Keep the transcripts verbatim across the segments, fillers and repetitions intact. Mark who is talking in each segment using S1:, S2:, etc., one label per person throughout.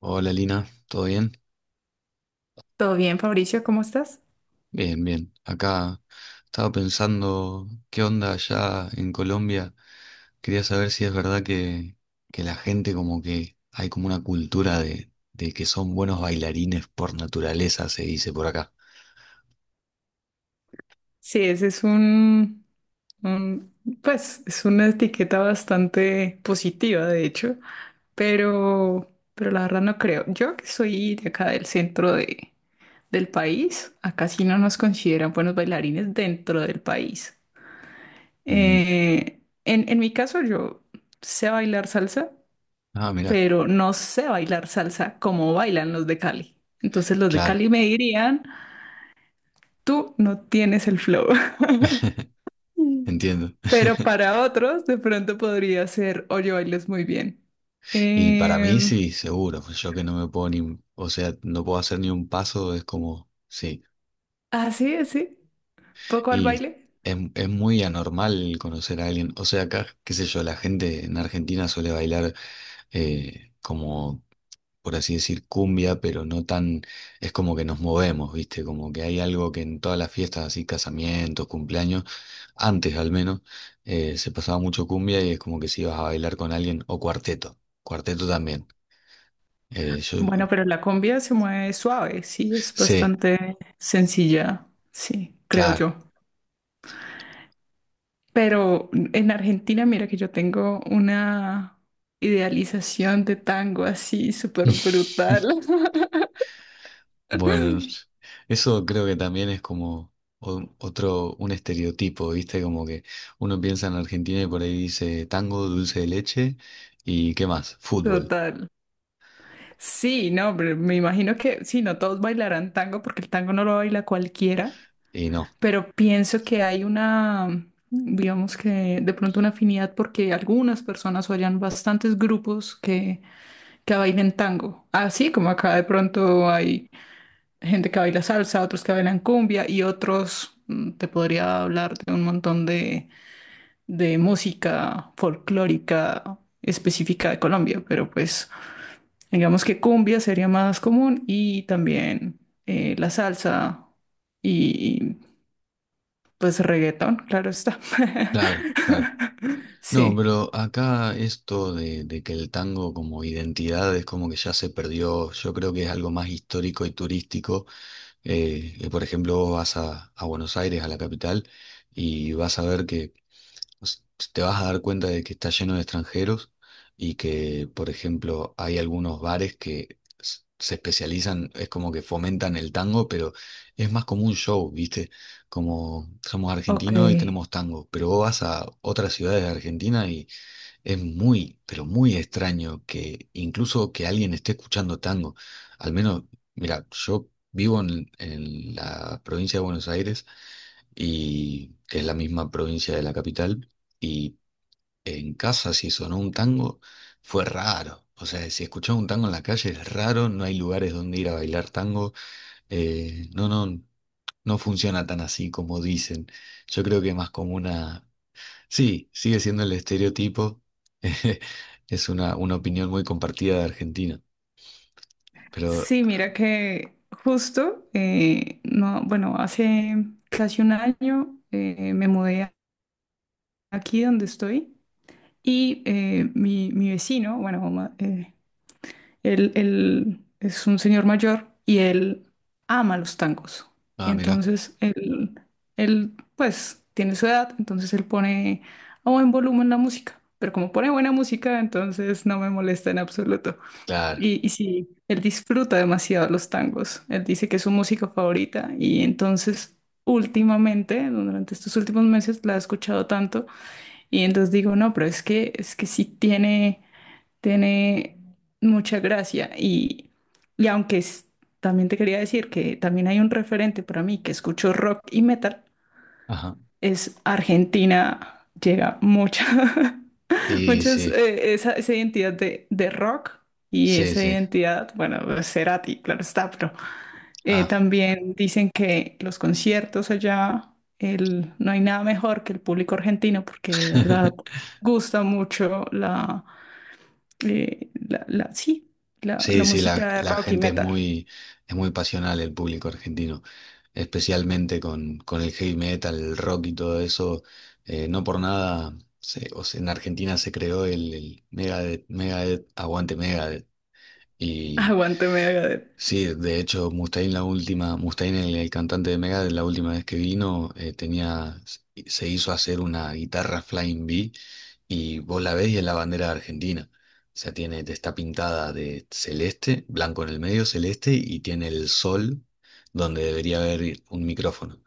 S1: Hola Lina, ¿todo bien?
S2: Todo bien, Fabricio, ¿cómo estás?
S1: Bien, bien. Acá estaba pensando qué onda allá en Colombia. Quería saber si es verdad que, que la gente como que hay como una cultura de, de que son buenos bailarines por naturaleza, se dice por acá.
S2: Sí, ese es un, un- pues, es una etiqueta bastante positiva, de hecho, pero, pero la verdad no creo. Yo que soy de acá del centro de, del país, acá sí no nos consideran buenos bailarines dentro del país.
S1: Mm.
S2: Eh, en, en mi caso, yo sé bailar salsa,
S1: Ah, mira,
S2: pero no sé bailar salsa como bailan los de Cali. Entonces los de
S1: claro,
S2: Cali me dirían, tú no tienes el flow.
S1: entiendo.
S2: Pero para otros, de pronto podría ser, oye, bailas muy bien.
S1: Y para mí
S2: Em,
S1: sí, seguro. Yo que no me puedo ni, o sea, no puedo hacer ni un paso, es como, sí.
S2: así, así, poco al
S1: Y
S2: baile.
S1: es, es muy anormal conocer a alguien. O sea, acá, qué sé yo, la gente en Argentina suele bailar eh, como, por así decir, cumbia, pero no tan, es como que nos movemos, ¿viste? Como que hay algo que en todas las fiestas, así, casamientos, cumpleaños, antes al menos, eh, se pasaba mucho cumbia y es como que si ibas a bailar con alguien, o cuarteto, cuarteto también. Eh, yo
S2: Bueno, pero la cumbia se mueve suave, sí, es
S1: sé,
S2: bastante sencilla, sí, creo
S1: claro.
S2: yo. Pero en Argentina, mira que yo tengo una idealización de tango así, súper brutal.
S1: Bueno, eso creo que también es como o- otro, un estereotipo, ¿viste? Como que uno piensa en Argentina y por ahí dice tango, dulce de leche y ¿qué más? Fútbol.
S2: Total. Sí, no, pero me imagino que sí, no todos bailarán tango porque el tango no lo baila cualquiera.
S1: Y no,
S2: Pero pienso que hay una, digamos que de pronto una afinidad porque algunas personas o hayan bastantes grupos que, que bailen tango, así como acá de pronto hay gente que baila salsa, otros que bailan cumbia y otros, mm, te podría hablar de un montón de, de música folclórica específica de Colombia, pero pues digamos que cumbia sería más común y también eh, la salsa. Y pues reggaetón, claro está.
S1: claro, claro. No,
S2: Sí.
S1: pero acá esto de, de que el tango como identidad es como que ya se perdió, yo creo que es algo más histórico y turístico. Eh, que por ejemplo, vos vas a, a Buenos Aires, a la capital, y vas a ver que s- te vas a dar cuenta de que está lleno de extranjeros y que, por ejemplo, hay algunos bares que s- se especializan, es como que fomentan el tango, pero es más como un show, ¿viste? Como somos
S2: Ok.
S1: argentinos y tenemos tango, pero vos vas a otras ciudades de Argentina y es muy, pero muy extraño que incluso que alguien esté escuchando tango. Al menos, mira, yo vivo en en la provincia de Buenos Aires y que es la misma provincia de la capital, y en casa si sonó un tango fue raro. O sea, si escuchás un tango en la calle es raro, no hay lugares donde ir a bailar tango. eh, no, no, no funciona tan así como dicen. Yo creo que más como una... Sí, sigue siendo el estereotipo. Es una, una opinión muy compartida de Argentina. Pero
S2: Sí, mira que justo, eh, no, bueno, hace casi un año eh, me mudé aquí donde estoy y eh, mi, mi vecino, bueno, ma- eh, Él, él es un señor mayor y él ama los tangos. Y
S1: ah, mirá,
S2: entonces, él, él, pues, tiene su edad, entonces él pone a buen volumen la música. Pero como pone buena música, entonces no me molesta en absoluto.
S1: claro.
S2: Y, y sí, él disfruta demasiado los tangos. Él dice que es su música favorita y entonces... Últimamente, durante estos últimos meses, la he escuchado tanto y entonces digo, no, pero es que es que sí tiene, tiene mucha gracia y, y aunque es- también te quería decir que también hay un referente para mí que escucho rock y metal,
S1: Ajá.
S2: es Argentina, llega mucha,
S1: Y
S2: muchas,
S1: sí,
S2: eh, esa, esa identidad de, de rock y
S1: sí,
S2: esa
S1: sí.
S2: identidad, bueno, pues, Cerati, claro está, pero eh,
S1: Ah.
S2: también dicen que los conciertos allá, el, no hay nada mejor que el público argentino porque de verdad gusta mucho la eh, la, la, sí, la, la
S1: Sí, sí, la,
S2: música de
S1: la
S2: rock y
S1: gente es
S2: metal.
S1: muy, es muy pasional el público argentino, especialmente con, con el heavy metal, el rock y todo eso. Eh, no por nada, se- o sea, en Argentina se creó el, el Megadeth, Megadeth, Aguante Megadeth.
S2: Aguante Megadeth.
S1: Sí, de hecho, Mustaine la última, Mustaine, el, el cantante de Megadeth, la última vez que vino, eh, tenía, se hizo hacer una guitarra Flying V y vos la ves y es la bandera de Argentina. O sea, tiene, está pintada de celeste, blanco en el medio, celeste, y tiene el sol donde debería haber un micrófono.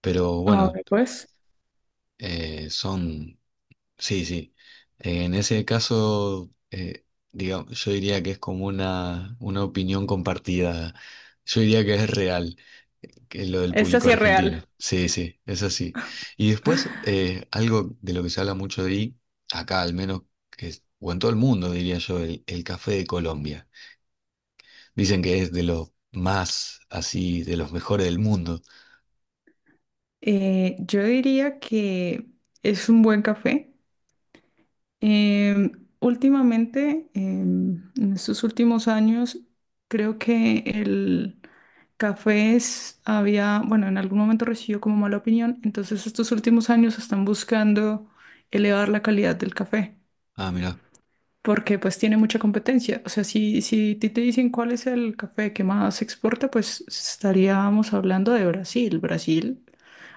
S1: Pero
S2: A
S1: bueno,
S2: ver, pues,
S1: eh, son. Sí, sí. En ese caso, eh, digamos, yo diría que es como una, una opinión compartida. Yo diría que es real, que es lo del
S2: esta
S1: público
S2: sí es real.
S1: argentino. Sí, sí, es así. Y después, eh, algo de lo que se habla mucho de acá al menos, que es- o en todo el mundo, diría yo, el, el café de Colombia. Dicen que es de los más, así, de los mejores del mundo.
S2: Eh, yo diría que es un buen café. Eh, últimamente, eh, en estos últimos años, creo que el café es- había, bueno, en algún momento recibió como mala opinión, entonces estos últimos años están buscando elevar la calidad del café.
S1: Ah, mira,
S2: Porque pues tiene mucha competencia. O sea, si, si ti te dicen cuál es el café que más se exporta, pues estaríamos hablando de Brasil. Brasil,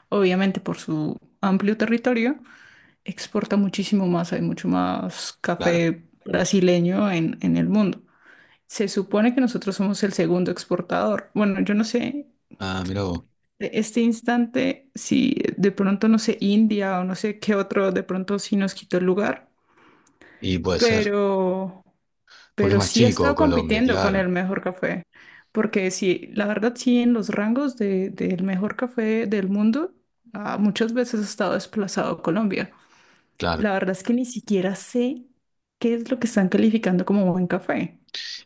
S2: obviamente por su amplio territorio, exporta muchísimo más, hay mucho más
S1: claro.
S2: café brasileño en, en el mundo. Se supone que nosotros somos el segundo exportador. Bueno, yo no sé.
S1: Ah, mira vos.
S2: De este instante, si de pronto, no sé, India o no sé qué otro, de pronto sí nos quitó el lugar,
S1: Y puede ser,
S2: pero
S1: porque es
S2: pero
S1: más
S2: sí ha
S1: chico
S2: estado
S1: Colombia,
S2: compitiendo con el
S1: claro,
S2: mejor café, porque sí, la verdad sí, en los rangos de, del mejor café del mundo, ah, muchas veces ha estado desplazado Colombia.
S1: claro.
S2: La verdad es que ni siquiera sé qué es lo que están calificando como buen café.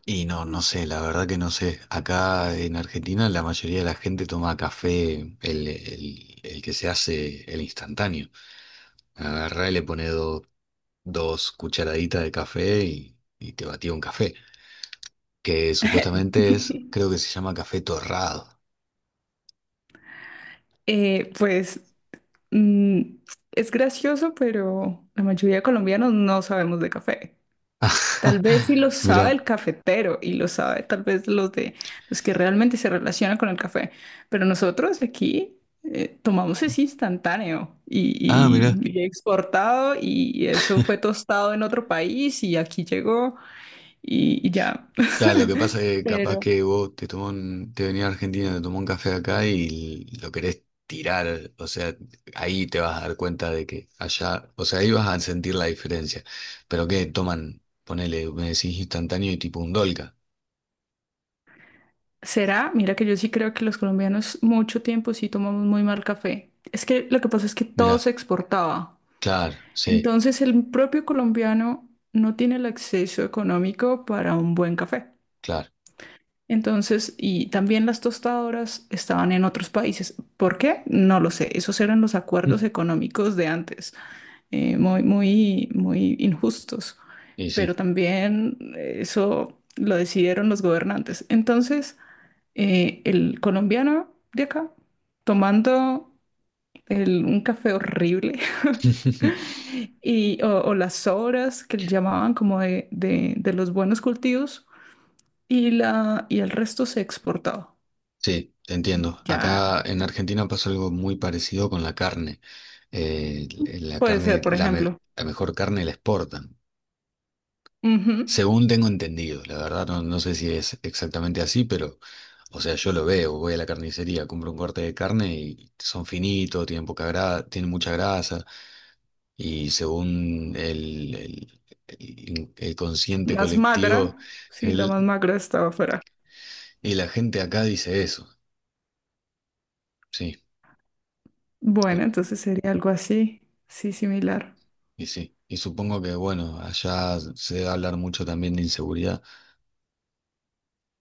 S1: Y no, no sé, la verdad que no sé. Acá en Argentina la mayoría de la gente toma café, el, el- el que se hace, el instantáneo. Agarrá y le pone do- dos cucharaditas de café y, y te batía un café. Que supuestamente es, creo que se llama café torrado.
S2: Eh, pues mm, es gracioso, pero la mayoría de colombianos no sabemos de café. Tal vez sí lo sabe
S1: Mirá,
S2: el cafetero y lo sabe tal vez los de los que realmente se relacionan con el café, pero nosotros aquí eh, tomamos es instantáneo
S1: ah,
S2: y,
S1: mirá.
S2: y- y exportado y eso fue tostado en otro país y aquí llegó y, y ya.
S1: Claro, lo que pasa es que capaz
S2: Pero
S1: que vos te tomó un- te venía a Argentina, te tomó un café acá y lo querés tirar, o sea, ahí te vas a dar cuenta de que allá, o sea, ahí vas a sentir la diferencia. Pero que toman, ponele, me decís instantáneo y tipo un Dolca.
S2: será, mira que yo sí creo que los colombianos mucho tiempo sí tomamos muy mal café. Es que lo que pasa es que todo
S1: Mirá,
S2: se exportaba.
S1: claro, sí,
S2: Entonces el propio colombiano no tiene el acceso económico para un buen café.
S1: claro.
S2: Entonces, y también las tostadoras estaban en otros países. ¿Por qué? No lo sé. Esos eran los acuerdos económicos de antes, eh, muy, muy, muy injustos.
S1: Y sí.
S2: Pero también eh, eso lo decidieron los gobernantes. Entonces, eh, el colombiano de acá, tomando el- un café horrible, y, o, o las sobras que llamaban como de, de- de los buenos cultivos, y, la, y el resto se exportaba.
S1: Sí, te entiendo.
S2: Ya
S1: Acá en Argentina pasa algo muy parecido con la carne. Eh, la
S2: puede
S1: carne,
S2: ser, por
S1: la, me-
S2: ejemplo.
S1: la mejor carne la exportan.
S2: Ujú.
S1: Según tengo entendido, la verdad no, no sé si es exactamente así, pero, o sea, yo lo veo, voy a la carnicería, compro un corte de carne y son finitos, tienen poca grasa, tienen mucha grasa, y según el, el- el- el consciente
S2: Más
S1: colectivo,
S2: magra. Sí, la más
S1: el-
S2: magra estaba afuera.
S1: y la gente acá dice eso, sí,
S2: Bueno,
S1: tú-
S2: entonces sería algo así. Sí, similar.
S1: y sí, y supongo que, bueno, allá se debe hablar mucho también de inseguridad,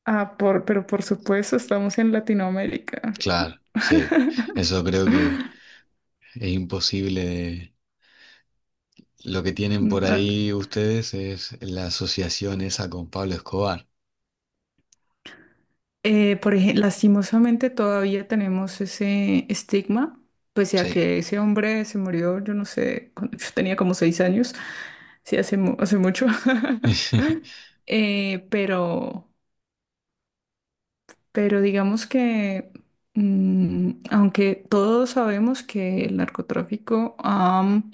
S2: Ah, por, pero por supuesto, estamos en Latinoamérica.
S1: claro, sí, eso creo que es imposible. Lo que tienen
S2: Mm,
S1: por
S2: ah,
S1: ahí ustedes es la asociación esa con Pablo Escobar.
S2: eh, por ejemplo, lastimosamente todavía tenemos ese estigma, pese a
S1: Sí,
S2: que ese hombre se murió, yo no sé, cuando yo tenía como seis años, sí, hace, mu- hace mucho. Eh, pero Pero digamos que, mm, aunque todos sabemos que el narcotráfico am,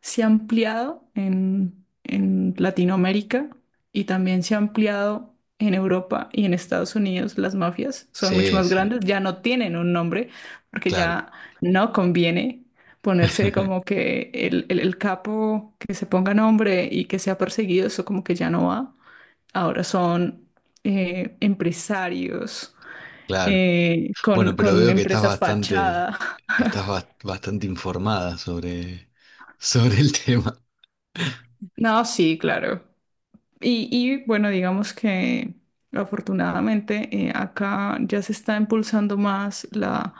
S2: se ha ampliado en, en Latinoamérica y también se ha ampliado en Europa y en Estados Unidos, las mafias son mucho
S1: sí,
S2: más
S1: sí,
S2: grandes, ya no tienen un nombre porque
S1: claro,
S2: ya no conviene ponerse como que el, el el capo que se ponga nombre y que sea perseguido, eso como que ya no va. Ahora son eh, empresarios
S1: claro.
S2: eh, con,
S1: Bueno, pero
S2: con
S1: veo que estás
S2: empresas
S1: bastante,
S2: fachada.
S1: estás bas- bastante informada sobre, sobre el tema.
S2: No, sí, claro. Y, y, bueno, digamos que afortunadamente eh, acá ya se está impulsando más la,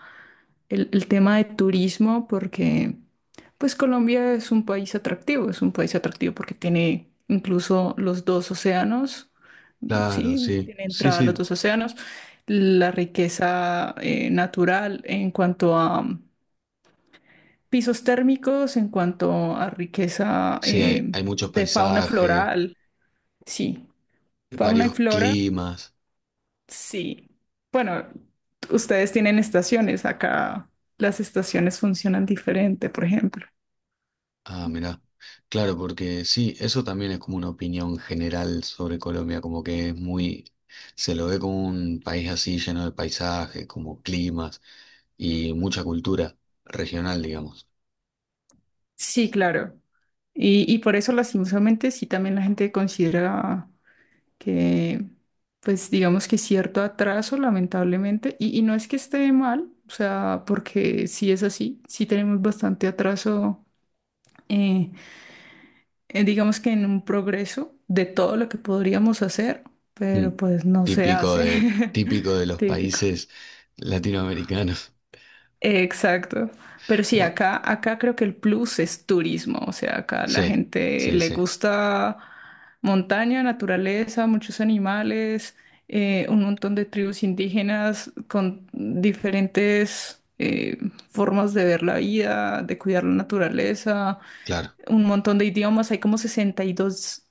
S2: el, el tema de turismo porque pues Colombia es un país atractivo, es un país atractivo porque tiene incluso los dos océanos,
S1: Claro,
S2: sí,
S1: sí,
S2: tiene
S1: sí,
S2: entrada a los
S1: sí,
S2: dos océanos, la riqueza eh, natural en cuanto a pisos térmicos en cuanto a riqueza
S1: sí, hay,
S2: eh,
S1: hay muchos
S2: de fauna
S1: paisajes,
S2: floral, sí. Fauna y
S1: varios
S2: flora,
S1: climas.
S2: sí. Bueno, ustedes tienen estaciones, acá las estaciones funcionan diferente, por ejemplo.
S1: Ah, mirá. Claro, porque sí, eso también es como una opinión general sobre Colombia, como que es muy, se lo ve como un país así lleno de paisajes, como climas y mucha cultura regional, digamos.
S2: Sí, claro. Y, y por eso, lastimosamente, sí también la gente considera que, pues digamos que cierto atraso, lamentablemente, y, y no es que esté mal, o sea, porque sí es así, sí tenemos bastante atraso. eh, eh, digamos que en un progreso de todo lo que podríamos hacer, pero
S1: Mm.
S2: pues no se
S1: Típico
S2: hace.
S1: de, típico de los
S2: Típico.
S1: países latinoamericanos.
S2: Exacto. Pero sí,
S1: Bueno,
S2: acá, acá creo que el plus es turismo. O sea, acá la
S1: sí,
S2: gente
S1: sí,
S2: le
S1: sí,
S2: gusta montaña, naturaleza, muchos animales, eh, un montón de tribus indígenas con diferentes eh, formas de ver la vida, de cuidar la naturaleza,
S1: claro.
S2: un montón de idiomas. Hay como sesenta y dos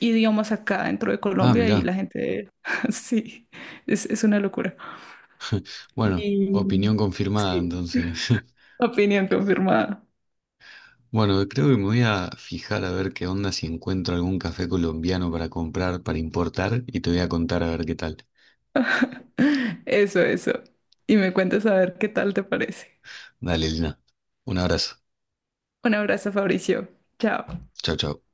S2: idiomas acá dentro de
S1: Ah,
S2: Colombia y
S1: mirá.
S2: la gente, sí, es, es una locura.
S1: Bueno,
S2: Y
S1: opinión confirmada
S2: sí,
S1: entonces.
S2: opinión confirmada.
S1: Bueno, creo que me voy a fijar a ver qué onda si encuentro algún café colombiano para comprar, para importar, y te voy a contar a ver qué tal.
S2: Eso, eso. Y me cuentas a ver qué tal te parece.
S1: Dale, Lina. Un abrazo.
S2: Un abrazo, Fabricio. Chao.
S1: Chao, chao.